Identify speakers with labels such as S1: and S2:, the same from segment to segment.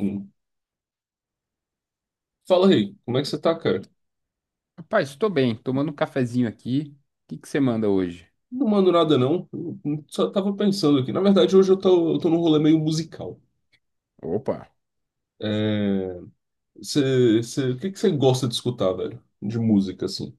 S1: Hum. Fala aí, como é que você tá, cara?
S2: Rapaz, estou bem, tomando um cafezinho aqui. O que que você manda hoje?
S1: Não mando nada, não. Eu só tava pensando aqui. Na verdade, hoje eu tô num rolê meio musical.
S2: Opa.
S1: É... o que que você gosta de escutar, velho? De música, assim.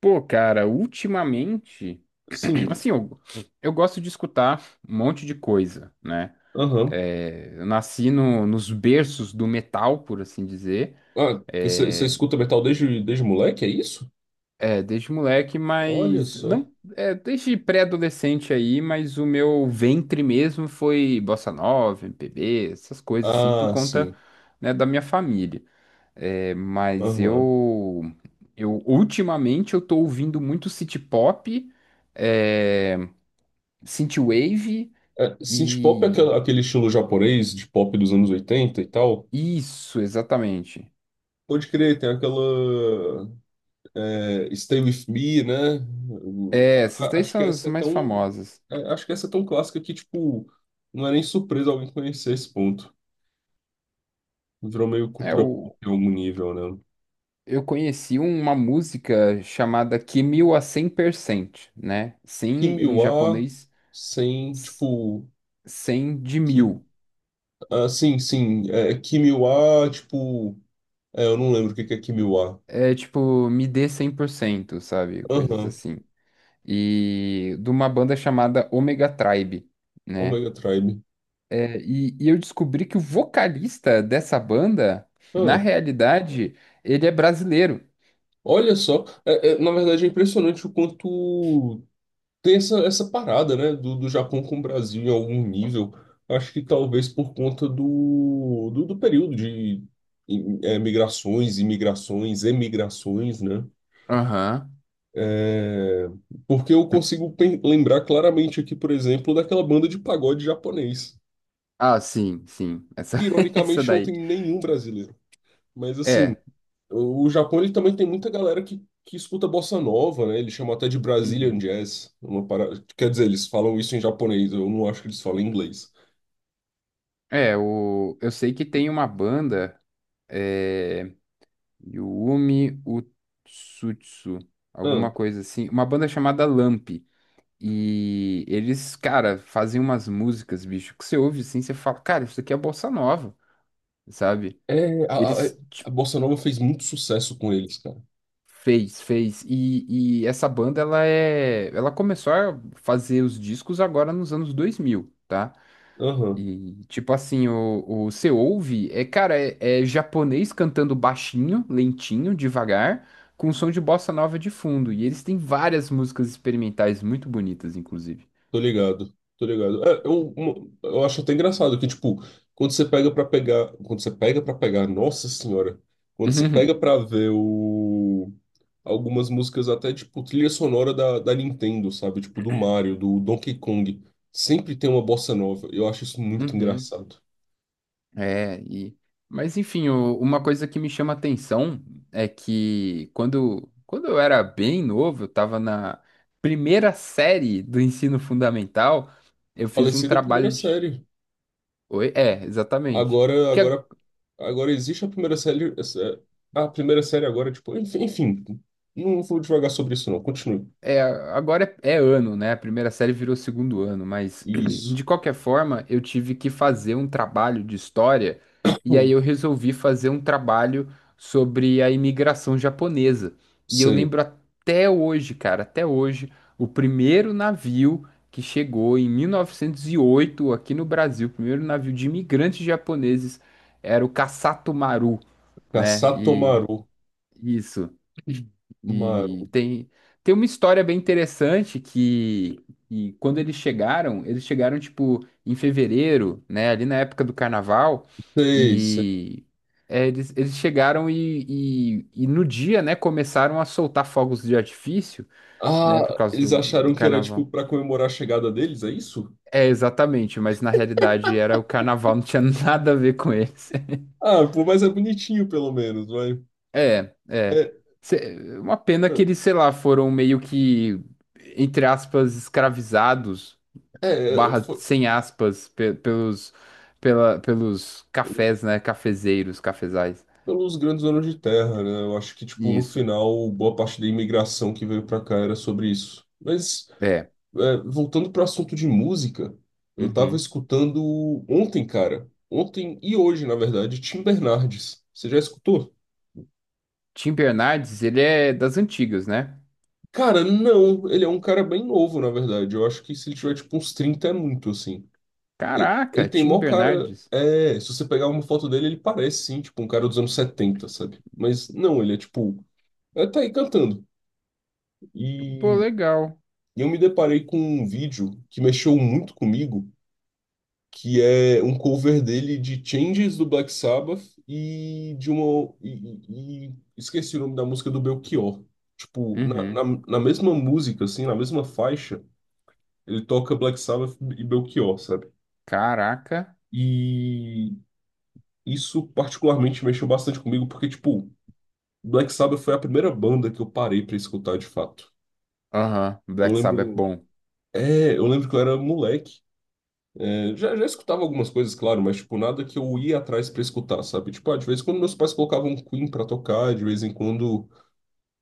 S2: Pô, cara, ultimamente,
S1: Sim,
S2: assim, eu gosto de escutar um monte de coisa, né?
S1: aham.
S2: É, eu nasci nos berços do metal, por assim dizer.
S1: Ah, você
S2: É,
S1: escuta metal desde, desde moleque, é isso?
S2: é, desde moleque,
S1: Olha
S2: mas
S1: só.
S2: não, é, desde pré-adolescente aí, mas o meu ventre mesmo foi bossa nova, MPB, essas coisas assim, por
S1: Ah,
S2: conta,
S1: sim,
S2: né, da minha família. É, mas
S1: aham.
S2: eu ultimamente eu tô ouvindo muito city pop, é, synthwave
S1: É, synth pop é
S2: e
S1: aquele estilo japonês de pop dos anos 80 e tal.
S2: isso, exatamente.
S1: Pode crer, tem aquela. É, Stay With Me, né? O-
S2: É,
S1: a-
S2: essas daí
S1: Acho que
S2: são as
S1: essa é
S2: mais
S1: tão,
S2: famosas.
S1: acho que essa é tão clássica que, tipo, não é nem surpresa alguém conhecer esse ponto. Virou meio
S2: É,
S1: cultura pop
S2: eu,
S1: em algum nível, né?
S2: eu conheci uma música chamada Kimil a 100%, né? 100 em
S1: Kimiwa,
S2: japonês,
S1: sem,
S2: s-
S1: tipo,
S2: 100 de
S1: Kim...
S2: mil.
S1: Ah, sim, sim, é, Kimiwa, tipo, é, eu não lembro o que que é Kimiwa.
S2: É tipo, me dê 100%, sabe? Coisas
S1: Aham,
S2: assim. E de uma banda chamada Omega Tribe, né?
S1: Omega Tribe.
S2: É, e eu descobri que o vocalista dessa banda, na
S1: Ah,
S2: realidade, ele é brasileiro.
S1: olha só, é, é, na verdade é impressionante o quanto tem essa, essa parada, né, do, do Japão com o Brasil em algum nível. Acho que talvez por conta do, do, do período de migrações, imigrações, emigrações, né?
S2: Aham.
S1: É, porque eu consigo lembrar claramente aqui, por exemplo, daquela banda de pagode japonês,
S2: Ah, sim, sim. Essa,
S1: que
S2: essa
S1: ironicamente não
S2: daí.
S1: tem nenhum brasileiro. Mas assim,
S2: É.
S1: o Japão ele também tem muita galera que escuta bossa nova, né? Eles chamam até de Brazilian
S2: Uhum.
S1: Jazz, uma quer dizer, eles falam isso em japonês, eu não acho que eles falam em inglês.
S2: É, eu sei que tem uma banda, é, Yumi Utsutsu, alguma
S1: Ah,
S2: coisa assim, uma banda chamada Lamp. E eles, cara, fazem umas músicas, bicho, que você ouve assim, você fala, cara, isso aqui é bossa nova, sabe?
S1: é, a, é,
S2: Eles
S1: a
S2: tipo,
S1: Bossa Nova fez muito sucesso com eles, cara.
S2: fez, fez. E essa banda, ela é. Ela começou a fazer os discos agora nos anos 2000, tá?
S1: Aham,
S2: E tipo assim, o você ouve, é, cara, é japonês cantando baixinho, lentinho, devagar, com som de bossa nova de fundo. E eles têm várias músicas experimentais muito bonitas, inclusive.
S1: tô ligado, tô ligado. É, eu, eu acho até engraçado que, tipo, quando você pega pra pegar. Quando você pega pra pegar, nossa senhora. Quando você pega
S2: Uhum.
S1: pra ver o. Algumas músicas até, tipo, trilha sonora da, da Nintendo, sabe? Tipo, do Mario, do Donkey Kong. Sempre tem uma bossa nova. Eu acho isso muito
S2: Uhum.
S1: engraçado.
S2: É, e... Mas enfim, uma coisa que me chama atenção é que quando eu era bem novo, eu estava na primeira série do ensino fundamental, eu
S1: Falei
S2: fiz um
S1: da primeira
S2: trabalho de...
S1: série.
S2: Oi? É, exatamente.
S1: Agora,
S2: Que
S1: agora, agora existe a primeira série. A primeira série agora, tipo, enfim, enfim, não vou devagar sobre isso, não. Continue.
S2: É, agora é ano, né? A primeira série virou segundo ano, mas
S1: Isso.
S2: de qualquer forma, eu tive que fazer um trabalho de história e aí
S1: Hum,
S2: eu resolvi fazer um trabalho sobre a imigração japonesa. E eu
S1: sei.
S2: lembro até hoje, cara, até hoje, o primeiro navio que chegou em 1908 aqui no Brasil, o primeiro navio de imigrantes japoneses era o Kasatomaru, né? E
S1: Kasatomaru.
S2: isso. E
S1: Maru.
S2: tem uma história bem interessante que, quando eles chegaram tipo em fevereiro, né? Ali na época do carnaval,
S1: Sei, sei.
S2: e eles chegaram e no dia, né, começaram a soltar fogos de artifício, né,
S1: Ah,
S2: por causa
S1: eles
S2: do
S1: acharam que era, tipo,
S2: carnaval.
S1: pra comemorar a chegada deles, é isso?
S2: É, exatamente, mas na realidade era o carnaval, não tinha nada a ver com eles.
S1: Ah, pô, mas é bonitinho, pelo menos, vai.
S2: É, é.
S1: É,
S2: Uma pena que eles, sei lá, foram meio que, entre aspas, escravizados,
S1: é, é,
S2: barra
S1: foi
S2: sem aspas, pelos, pela, pelos
S1: pelos,
S2: cafés, né? Cafezeiros, cafezais.
S1: pelos grandes anos de terra, né? Eu acho que, tipo, no
S2: Isso.
S1: final, boa parte da imigração que veio pra cá era sobre isso. Mas.
S2: É.
S1: É, voltando para o assunto de música, eu tava
S2: Uhum.
S1: escutando ontem, cara. Ontem e hoje, na verdade, Tim Bernardes. Você já escutou?
S2: Tim Bernardes, ele é das antigas, né?
S1: Cara, não. Ele é um cara bem novo, na verdade. Eu acho que se ele tiver, tipo, uns 30 é muito, assim. Ele
S2: Caraca,
S1: tem
S2: Tim
S1: mó cara...
S2: Bernardes.
S1: É, se você pegar uma foto dele, ele parece, sim, tipo, um cara dos anos 70, sabe? Mas não, ele é, tipo... É, tá aí cantando.
S2: Pô,
S1: E...
S2: legal.
S1: E eu me deparei com um vídeo que mexeu muito comigo, que é um cover dele de Changes do Black Sabbath e de uma. E, esqueci o nome da música do Belchior. Tipo,
S2: Uhum.
S1: na mesma música, assim, na mesma faixa, ele toca Black Sabbath e Belchior, sabe?
S2: Caraca.
S1: E isso particularmente mexeu bastante comigo, porque, tipo, Black Sabbath foi a primeira banda que eu parei pra escutar de fato.
S2: Aham,
S1: Eu
S2: Black Sabbath é
S1: lembro.
S2: bom.
S1: É, eu lembro que eu era moleque. É, já, já escutava algumas coisas, claro, mas, tipo, nada que eu ia atrás pra escutar, sabe? Tipo, ah, de vez em quando meus pais colocavam um Queen pra tocar, de vez em quando,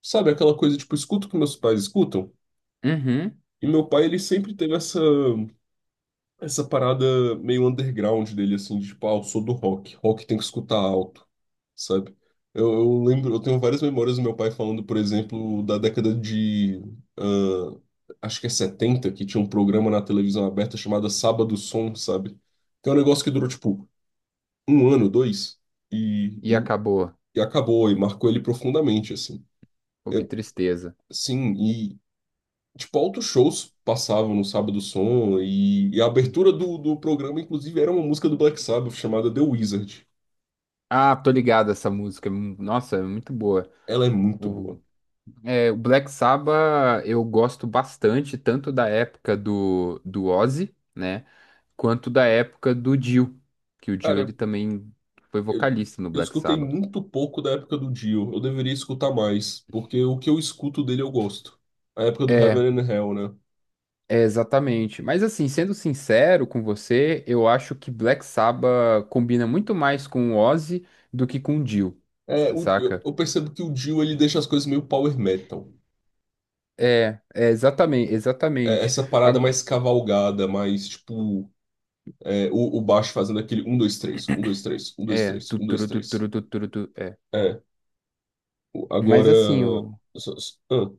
S1: sabe? Aquela coisa, tipo, escuto o que meus pais escutam.
S2: Uhum.
S1: E meu pai, ele sempre teve essa, essa parada meio underground dele, assim, de, tipo, ah, eu sou do rock, rock tem que escutar alto, sabe? Eu lembro, eu tenho várias memórias do meu pai falando, por exemplo, da década de, ah, acho que é 70 que tinha um programa na televisão aberta chamado Sábado Som, sabe? Que é um negócio que durou, tipo, um ano, dois, e,
S2: E
S1: e,
S2: acabou.
S1: e acabou, e marcou ele profundamente, assim.
S2: Pô, que
S1: É,
S2: tristeza.
S1: sim, e tipo, altos shows passavam no Sábado Som, e a abertura do, do programa, inclusive, era uma música do Black Sabbath chamada The Wizard.
S2: Ah, tô ligado essa música. Nossa, é muito boa.
S1: Ela é muito
S2: O,
S1: boa.
S2: o Black Sabbath eu gosto bastante, tanto da época do Ozzy, né? Quanto da época do Dio, que o Dio ele
S1: Cara,
S2: também foi
S1: eu,
S2: vocalista no
S1: eu
S2: Black
S1: escutei
S2: Sabbath.
S1: muito pouco da época do Dio, eu deveria escutar mais, porque o que eu escuto dele eu gosto. A época do
S2: É,
S1: Heaven and Hell, né?
S2: é, exatamente. Mas assim, sendo sincero com você, eu acho que Black Sabbath combina muito mais com o Ozzy do que com o Dio,
S1: É,
S2: saca?
S1: eu percebo que o Dio ele deixa as coisas meio power metal.
S2: É, exatamente,
S1: É,
S2: exatamente.
S1: essa parada
S2: A-
S1: mais cavalgada, mais tipo. É, o baixo fazendo aquele um dois três um dois três um dois
S2: é,
S1: três
S2: tu,
S1: um dois
S2: turu, tu,
S1: três
S2: turu, tu, turu, tu.
S1: É,
S2: Mas
S1: agora.
S2: assim,
S1: Ah,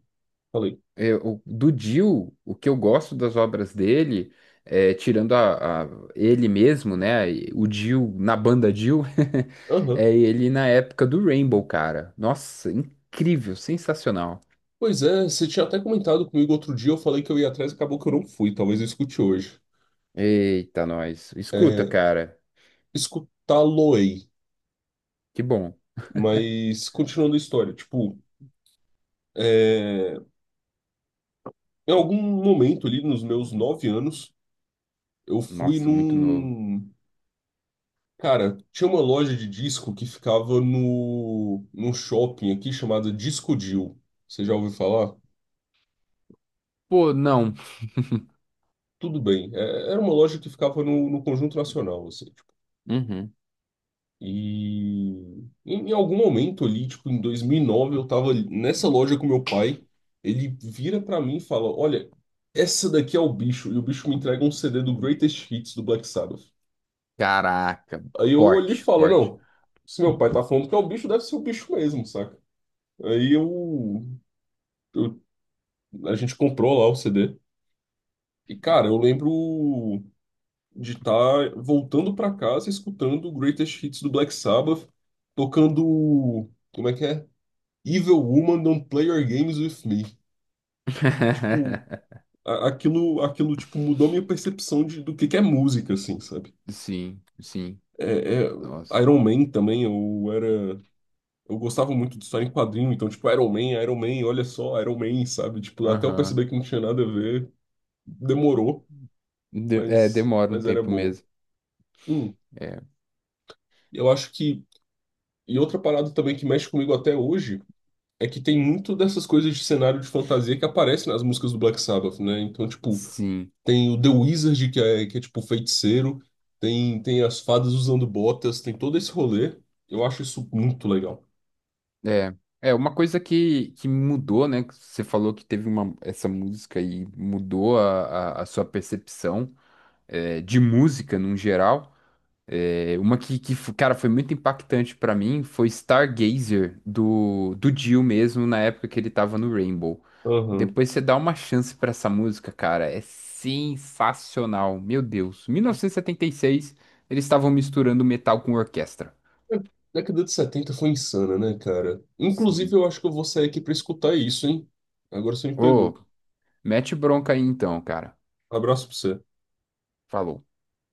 S1: falei.
S2: do Dio, o que eu gosto das obras dele, é, tirando ele mesmo, né? O Dio na banda Dio,
S1: Aham.
S2: é ele na época do Rainbow, cara. Nossa, incrível, sensacional.
S1: Pois é, você tinha até comentado comigo outro dia, eu falei que eu ia atrás e acabou que eu não fui, talvez eu escute hoje.
S2: Eita, nós. Escuta,
S1: É,
S2: cara.
S1: escutá-lo-ei.
S2: Que bom.
S1: Mas continuando a história, tipo, é, em algum momento ali nos meus 9 anos, eu fui
S2: Nossa, muito novo.
S1: num. Cara, tinha uma loja de disco que ficava no, num shopping aqui chamada Disco Dill. Você já ouviu falar?
S2: Pô, não.
S1: Tudo bem. Era uma loja que ficava no, no Conjunto Nacional, assim, tipo.
S2: Uhum.
S1: E em, em algum momento ali, tipo, em 2009, eu tava nessa loja com meu pai. Ele vira pra mim e fala: Olha, essa daqui é o bicho. E o bicho me entrega um CD do Greatest Hits do Black Sabbath.
S2: Caraca,
S1: Aí eu olhei e
S2: forte,
S1: falo:
S2: forte.
S1: Não, se meu pai tá falando que é o bicho, deve ser o bicho mesmo, saca? Aí eu. Eu A gente comprou lá o CD. E, cara, eu lembro de estar voltando pra casa escutando o Greatest Hits do Black Sabbath, tocando. Como é que é? Evil Woman Don't Play Your Games With Me. Tipo, aquilo, aquilo tipo, mudou minha percepção de, do que é música, assim, sabe?
S2: Sim, sim.
S1: É, é,
S2: Nossa.
S1: Iron Man também, eu era. Eu gostava muito de história em quadrinho, então, tipo, Iron Man, Iron Man, olha só, Iron Man, sabe? Tipo, até eu
S2: Aham.
S1: perceber que não tinha nada a ver, demorou,
S2: Demora um
S1: mas era
S2: tempo
S1: bom.
S2: mesmo.
S1: Hum,
S2: É.
S1: eu acho que. E outra parada também que mexe comigo até hoje é que tem muito dessas coisas de cenário de fantasia que aparecem nas músicas do Black Sabbath, né? Então, tipo,
S2: Sim,
S1: tem o The Wizard, que é tipo feiticeiro, tem, tem as fadas usando botas, tem todo esse rolê. Eu acho isso muito legal.
S2: é. É uma coisa que, mudou, né? Que você falou que teve essa música e mudou a sua percepção, de música num geral. É, uma que, cara, foi muito impactante pra mim, foi Stargazer, do Dio mesmo, na época que ele tava no Rainbow.
S1: Aham.
S2: Depois você dá uma chance pra essa música, cara. É sensacional. Meu Deus. 1976, eles estavam misturando metal com orquestra.
S1: A década de 70 foi insana, né, cara? Inclusive,
S2: Sim.
S1: eu acho que eu vou sair aqui pra escutar isso, hein? Agora você me
S2: Ô,
S1: pegou.
S2: mete bronca aí então, cara.
S1: Abraço pra você.
S2: Falou.